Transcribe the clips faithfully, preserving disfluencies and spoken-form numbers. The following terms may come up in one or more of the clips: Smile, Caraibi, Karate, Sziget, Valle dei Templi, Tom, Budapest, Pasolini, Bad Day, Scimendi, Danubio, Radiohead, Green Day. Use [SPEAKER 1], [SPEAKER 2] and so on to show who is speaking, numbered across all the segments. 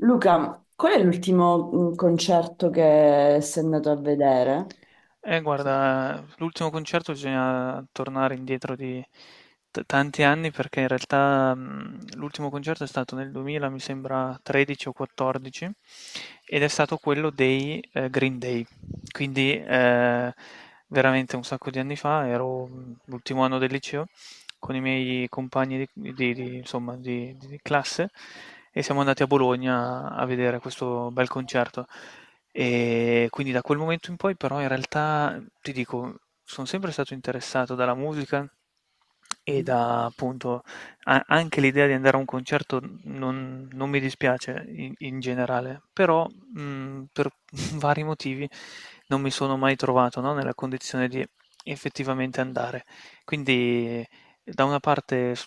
[SPEAKER 1] Luca, qual è l'ultimo mm, concerto che sei andato a vedere?
[SPEAKER 2] Eh,
[SPEAKER 1] Se-
[SPEAKER 2] guarda, l'ultimo concerto bisogna tornare indietro di t- tanti anni perché in realtà mh, l'ultimo concerto è stato nel duemila, mi sembra tredici o quattordici, ed è stato quello dei eh, Green Day. Quindi eh, veramente un sacco di anni fa, ero mh, l'ultimo anno del liceo con i miei compagni di, di- di- insomma, di di- di classe e siamo andati a Bologna a vedere questo bel concerto. E quindi da quel momento in poi però in realtà, mhmm, ti dico, sono sempre stato interessato dalla musica e da appunto a- anche l'idea di andare a un concerto non, non mi dispiace in, in generale, però mh, per vari motivi non mi sono mai trovato, no, nella condizione di effettivamente andare. Quindi da una parte s-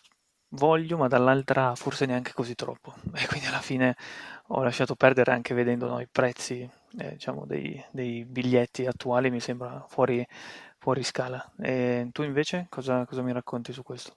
[SPEAKER 2] voglio, ma dall'altra forse neanche così troppo. E quindi alla fine ho lasciato perdere anche vedendo, no, i prezzi ehm, diciamo dei dei biglietti attuali mi sembra fuori fuori scala. Ehm, tu invece cosa cosa mi racconti su questo?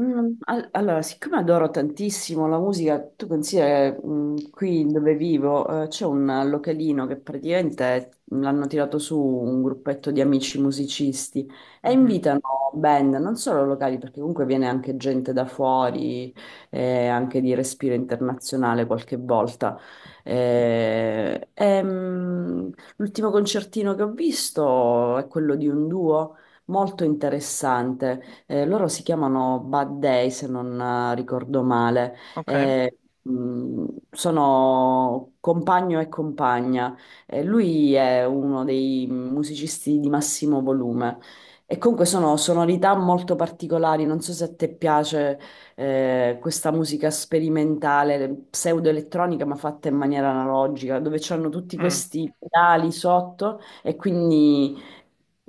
[SPEAKER 1] Mm, al- Allora, siccome adoro tantissimo la musica, tu considera che, mm, qui dove vivo, eh, c'è un localino che praticamente l'hanno tirato su un gruppetto di amici musicisti e
[SPEAKER 2] Mh-mh.
[SPEAKER 1] invitano band, non solo locali, perché comunque viene anche gente da fuori, eh, anche di respiro internazionale qualche volta. Eh, e, mm, L'ultimo concertino che ho visto è quello di un duo molto interessante. Eh, loro si chiamano Bad Day, se non eh, ricordo male.
[SPEAKER 2] Okay.
[SPEAKER 1] Eh, mh, Sono compagno e compagna. Eh, lui è uno dei musicisti di massimo volume. E comunque sono sonorità molto particolari, non so se a te piace eh, questa musica sperimentale, pseudoelettronica, ma fatta in maniera analogica, dove c'hanno tutti
[SPEAKER 2] Mh.
[SPEAKER 1] questi pedali sotto, e quindi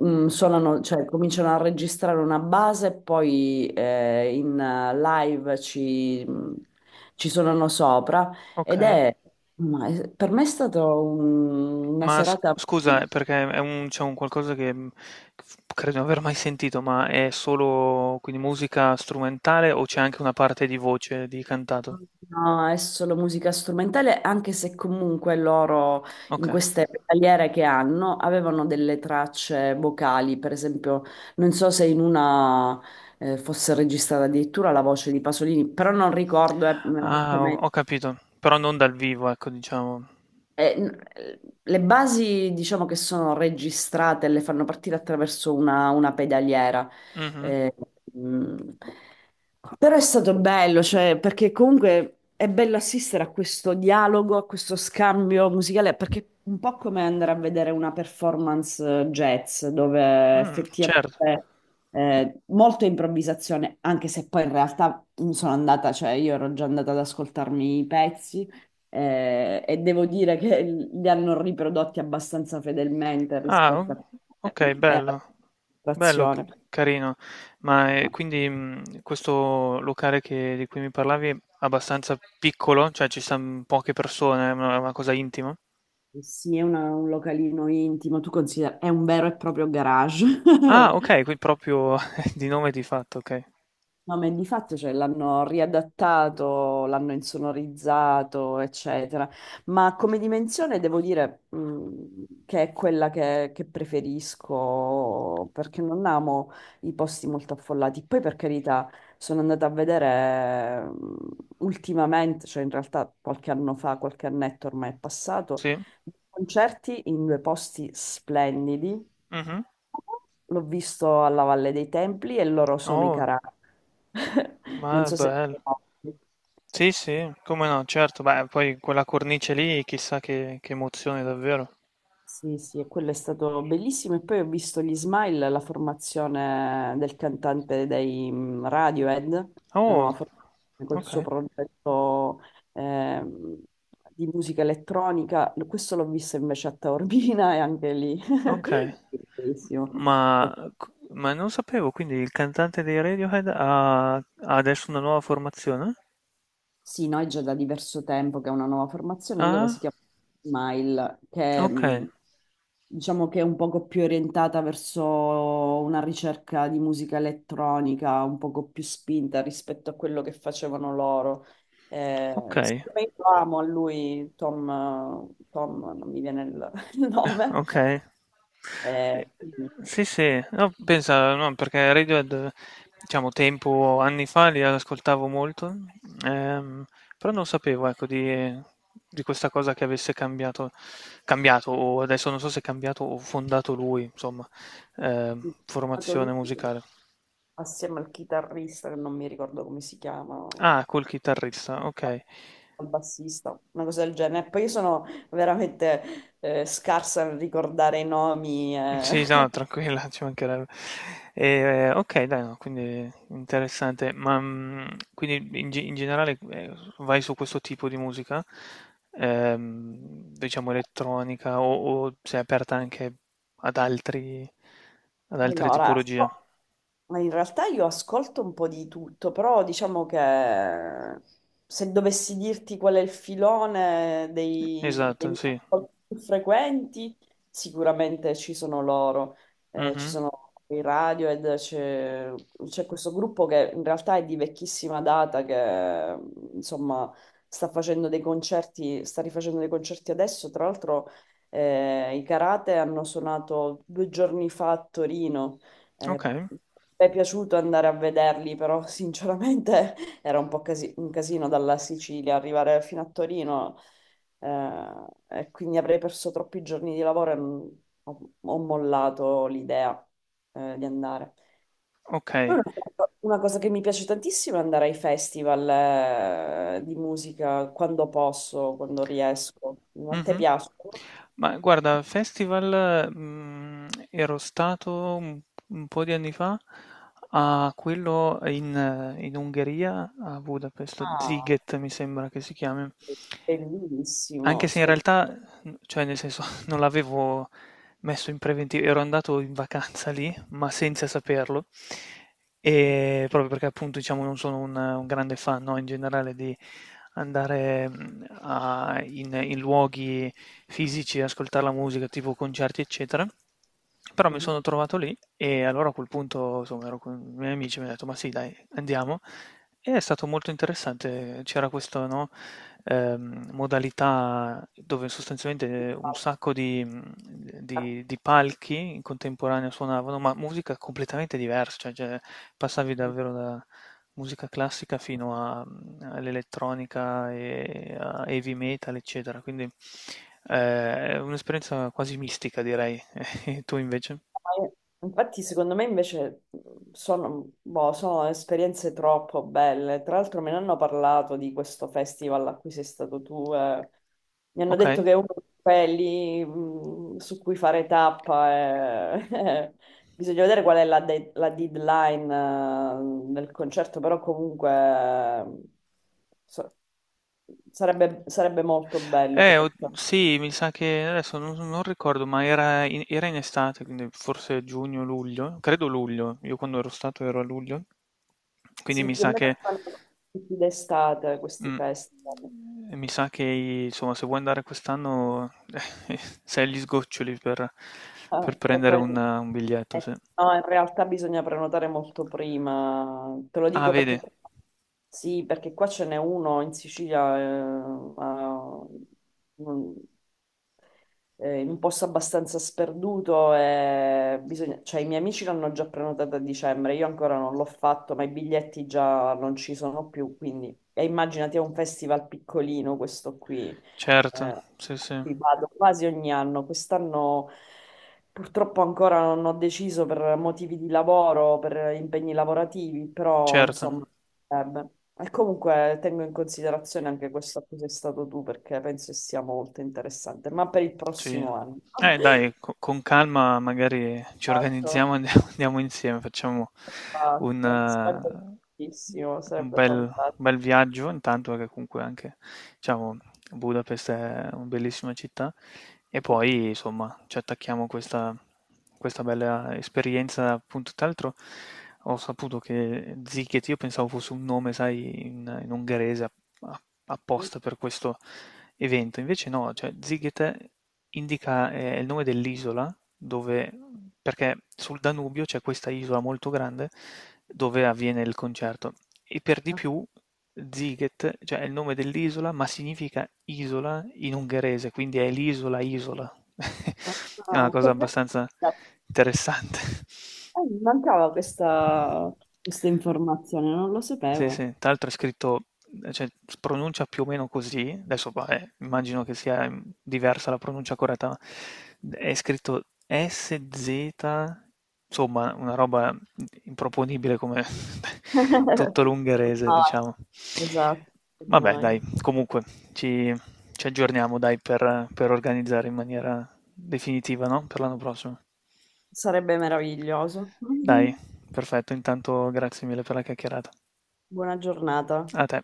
[SPEAKER 1] mm, suonano, cioè, cominciano a registrare una base, e poi eh, in eh, live ci, mm, ci suonano sopra ed
[SPEAKER 2] Okay.
[SPEAKER 1] è, ma è- per me è stata un- una
[SPEAKER 2] Ma s
[SPEAKER 1] serata.
[SPEAKER 2] scusa, eh, perché è un c'è un qualcosa che, mhmm, f credo di non aver mai sentito, ma è solo quindi musica strumentale o c'è anche una parte di voce, di cantato?
[SPEAKER 1] No, è solo musica strumentale, anche se comunque loro in
[SPEAKER 2] Okay.
[SPEAKER 1] queste tagliere che hanno avevano delle tracce vocali, per esempio, non so se in una... eh, fosse registrata addirittura la voce di Pasolini, però non ricordo eh,
[SPEAKER 2] Ah ho
[SPEAKER 1] esattamente.
[SPEAKER 2] ho capito, però non dal vivo ecco diciamo.
[SPEAKER 1] Eh, n- eh, le basi diciamo che sono registrate, le fanno partire attraverso una, una pedaliera.
[SPEAKER 2] Mh-mh.
[SPEAKER 1] Eh, mm, Però è stato bello, cioè, perché comunque è bello assistere a questo dialogo, a questo scambio musicale, perché è un po' come andare a vedere una performance eh, jazz, dove
[SPEAKER 2] Mh, certo.
[SPEAKER 1] effettivamente eh, molto improvvisazione, anche se poi in realtà mm, sono andata, cioè io ero già andata ad ascoltarmi i pezzi, eh, e devo dire che li hanno riprodotti abbastanza fedelmente
[SPEAKER 2] Ah,
[SPEAKER 1] rispetto
[SPEAKER 2] o-
[SPEAKER 1] a
[SPEAKER 2] ok,
[SPEAKER 1] eh, alla
[SPEAKER 2] bello, bello, c-
[SPEAKER 1] situazione.
[SPEAKER 2] carino. Ma eh, quindi mh, questo locale che- di cui mi parlavi è abbastanza piccolo, cioè ci stanno poche persone, è una, una cosa intima.
[SPEAKER 1] Sì, è una- un localino intimo, tu consideri, è un vero e proprio garage.
[SPEAKER 2] Ah, ok, qui proprio di nome di fatto, ok.
[SPEAKER 1] No, ma di fatto cioè, l'hanno riadattato, l'hanno insonorizzato, eccetera. Ma come dimensione devo dire mh, che è quella che, che preferisco perché non amo i posti molto affollati. Poi, per carità, sono andata a vedere mh, ultimamente, cioè in realtà qualche anno fa, qualche annetto ormai è passato,
[SPEAKER 2] Sì.
[SPEAKER 1] concerti in due posti splendidi.
[SPEAKER 2] Mhm.
[SPEAKER 1] L'ho visto alla Valle dei Templi e loro sono i
[SPEAKER 2] Oh,
[SPEAKER 1] Caraibi. Non
[SPEAKER 2] ma è
[SPEAKER 1] so se...
[SPEAKER 2] bello. Sì, sì, come no, certo. Beh, poi quella cornice lì, chissà che, che emozione davvero.
[SPEAKER 1] Sì, sì, e quello è stato bellissimo. E poi ho visto gli Smile, la formazione del cantante dei mm, Radiohead, la
[SPEAKER 2] Oh,
[SPEAKER 1] nuova formazione col suo
[SPEAKER 2] ok,
[SPEAKER 1] progetto, ehm, di musica elettronica. Questo l'ho visto invece a Taormina e anche lì.
[SPEAKER 2] ok.
[SPEAKER 1] Bellissimo.
[SPEAKER 2] Ma, ma non sapevo, quindi il cantante dei Radiohead ha, ha adesso una nuova formazione?
[SPEAKER 1] Sì, noi già da diverso tempo che è una nuova formazione, loro si
[SPEAKER 2] Ah,
[SPEAKER 1] chiamano Smile, che
[SPEAKER 2] ok,
[SPEAKER 1] mh, diciamo che è un poco più orientata verso una ricerca di musica elettronica, un poco più spinta rispetto a quello che facevano loro.
[SPEAKER 2] ok,
[SPEAKER 1] Eh, siccome io amo a lui, Tom, Tom, non mi viene il il nome,
[SPEAKER 2] ok.
[SPEAKER 1] eh,
[SPEAKER 2] Eh,
[SPEAKER 1] quindi
[SPEAKER 2] sì, sì, no, pensa, no, perché Radiohead, diciamo, tempo, anni fa li ascoltavo molto, ehm, però non sapevo, ecco, di, di questa cosa che avesse cambiato, cambiato, o adesso non so se è cambiato o fondato lui, insomma, ehm,
[SPEAKER 1] sì, è stato lui
[SPEAKER 2] formazione musicale.
[SPEAKER 1] assieme al chitarrista, che non mi ricordo come si chiama,
[SPEAKER 2] Ah, col chitarrista, okay.
[SPEAKER 1] al bassista, una cosa del genere. Poi io sono veramente eh, scarsa nel ricordare i nomi.
[SPEAKER 2] Sì, no,
[SPEAKER 1] Eh.
[SPEAKER 2] tranquilla, ci mancherebbe. Ehm, okay, dai, no, quindi interessante. Ma, mhmm, quindi in ge in generale, ehm, vai su questo tipo di musica? Ehm, diciamo elettronica o o sei aperta anche ad altri ad altre
[SPEAKER 1] Allora,
[SPEAKER 2] tipologie?
[SPEAKER 1] Ma in realtà io ascolto un po' di tutto, però diciamo che, se dovessi dirti qual è il filone dei, dei
[SPEAKER 2] Esatto,
[SPEAKER 1] miei
[SPEAKER 2] sì.
[SPEAKER 1] ascolti più frequenti, sicuramente ci sono loro. Eh, ci
[SPEAKER 2] Mh-mh.
[SPEAKER 1] sono i Radiohead, c'è c'è questo gruppo che in realtà è di vecchissima data, che insomma sta facendo dei concerti, sta rifacendo dei concerti adesso, tra l'altro eh, i Karate hanno suonato due giorni fa a Torino, eh,
[SPEAKER 2] Okay,
[SPEAKER 1] mi è piaciuto andare a vederli, però sinceramente era un po' casi- un casino dalla Sicilia arrivare fino a Torino, eh, e quindi avrei perso troppi giorni di lavoro e non- ho, ho mollato l'idea, eh, di andare. Poi
[SPEAKER 2] okay.
[SPEAKER 1] Una una cosa che mi piace tantissimo è andare ai festival, eh, di musica quando posso, quando riesco. A te
[SPEAKER 2] Mh-mh.
[SPEAKER 1] piace?
[SPEAKER 2] Ma guarda, festival, mhmm, ero stato un un po' di anni fa a quello in eh, in Ungheria, a Budapest,
[SPEAKER 1] Ah,
[SPEAKER 2] Sziget mi sembra che si chiami.
[SPEAKER 1] bellissimo,
[SPEAKER 2] Anche se in realtà, mhmm, cioè nel senso non l'avevo messo in preventivo, ero andato in vacanza lì, ma senza saperlo. Ehm, proprio perché appunto diciamo non sono un un grande fan, no, in generale di andare, mhmm, a in in luoghi fisici, ascoltar la musica, tipo concerti, eccetera. Però mi
[SPEAKER 1] spettacolo.
[SPEAKER 2] sono trovato lì e allora a quel punto, insomma, ero con i miei amici e mi han detto: "Ma sì dai, andiamo." E è stato molto interessante. C'era questo, no, ehm, modalità dove sostanzialmente eh, un sacco di, di- di palchi in contemporanea suonavano, ma musica completamente diversa, cioè cioè, passavi davvero da musica classica fino a- mm, all'elettronica e a heavy metal, eccetera. Quindi eh, è un'esperienza quasi mistica, direi. E tu invece?
[SPEAKER 1] Ma io- Infatti, secondo me invece sono, boh, sono esperienze troppo belle. Tra l'altro, me ne hanno parlato di questo festival a cui sei stato tu. Eh. Mi hanno
[SPEAKER 2] Ok?
[SPEAKER 1] detto che è uno di quelli mh, su cui fare tappa. Eh. Bisogna vedere qual è la, de- la deadline eh, del concerto, però comunque eh, so- sarebbe, sarebbe molto bello
[SPEAKER 2] Eh, o-
[SPEAKER 1] poterci.
[SPEAKER 2] sì, mi sa che adesso non, non ricordo, ma era in, era in estate, quindi forse giugno, luglio, credo luglio, io quando ero stato ero a luglio, quindi
[SPEAKER 1] Sì,
[SPEAKER 2] mi
[SPEAKER 1] più o
[SPEAKER 2] sa che,
[SPEAKER 1] meno fanno tutti d'estate questi
[SPEAKER 2] mm,
[SPEAKER 1] festival.
[SPEAKER 2] mi sa che insomma, se vuoi andare quest'anno eh, sei agli sgoccioli per,
[SPEAKER 1] Ah,
[SPEAKER 2] per
[SPEAKER 1] e
[SPEAKER 2] prendere
[SPEAKER 1] poi-
[SPEAKER 2] un, un biglietto, sì.
[SPEAKER 1] eh, no, in realtà bisogna prenotare molto prima. Te lo
[SPEAKER 2] Ah,
[SPEAKER 1] dico
[SPEAKER 2] vedi,
[SPEAKER 1] perché sì, perché qua ce n'è uno in Sicilia, eh, a- un- eh, in un posto abbastanza sperduto e bisogna- cioè, i miei amici l'hanno già prenotata a dicembre, io ancora non l'ho fatto, ma i biglietti già non ci sono più, quindi e immaginati è un festival piccolino questo qui.
[SPEAKER 2] certo,
[SPEAKER 1] Eh,
[SPEAKER 2] sì, sì,
[SPEAKER 1] ci vado quasi ogni anno. Quest'anno purtroppo ancora non ho deciso per motivi di lavoro, per impegni lavorativi, però
[SPEAKER 2] certo.
[SPEAKER 1] insomma. Sarebbe. E comunque tengo in considerazione anche questo a cui sei stato tu perché penso che sia molto interessante, ma per il
[SPEAKER 2] Sì.
[SPEAKER 1] prossimo anno.
[SPEAKER 2] Eh dai, co con calma magari ci
[SPEAKER 1] Esatto,
[SPEAKER 2] organizziamo, e andiamo andiamo insieme, facciamo un,
[SPEAKER 1] esatto. Sarebbe
[SPEAKER 2] eh,
[SPEAKER 1] bellissimo,
[SPEAKER 2] un
[SPEAKER 1] sarebbe
[SPEAKER 2] bel, un
[SPEAKER 1] fantastico.
[SPEAKER 2] bel viaggio, intanto che comunque anche, diciamo, Budapest è una bellissima città, e poi insomma ci attacchiamo a questa, questa bella esperienza, appunto, tra l'altro ho saputo che Ziket, io pensavo fosse un nome, sai, in, in ungherese, apposta per questo evento. Invece no, cioè Ziggete indica eh, il nome dell'isola dove, perché sul Danubio c'è questa isola molto grande dove avviene il concerto. E per di
[SPEAKER 1] Ah,
[SPEAKER 2] più Ziget, cioè è il nome dell'isola, ma significa isola in ungherese, quindi è l'isola isola.
[SPEAKER 1] ah,
[SPEAKER 2] È
[SPEAKER 1] ah,
[SPEAKER 2] una cosa
[SPEAKER 1] dov'è?
[SPEAKER 2] abbastanza interessante.
[SPEAKER 1] Eh, mi mancava questa, questa informazione, non lo
[SPEAKER 2] Sì,
[SPEAKER 1] sapevo.
[SPEAKER 2] sì, tra l'altro è scritto ehm, cioè si pronuncia più o meno così, adesso vabbè, immagino che sia, mhmm, diversa la pronuncia corretta, ma è scritto S Z, insomma una roba improponibile come tutto l'ungherese,
[SPEAKER 1] Ah,
[SPEAKER 2] diciamo.
[SPEAKER 1] esatto,
[SPEAKER 2] Vabbè
[SPEAKER 1] ormai.
[SPEAKER 2] dai, comunque ci ci aggiorniamo dai per per organizzare in maniera definitiva, no, per l'anno prossimo.
[SPEAKER 1] Sarebbe meraviglioso.
[SPEAKER 2] Dai, perfetto, intanto grazie mille per la chiacchierata.
[SPEAKER 1] Buona giornata.
[SPEAKER 2] A te.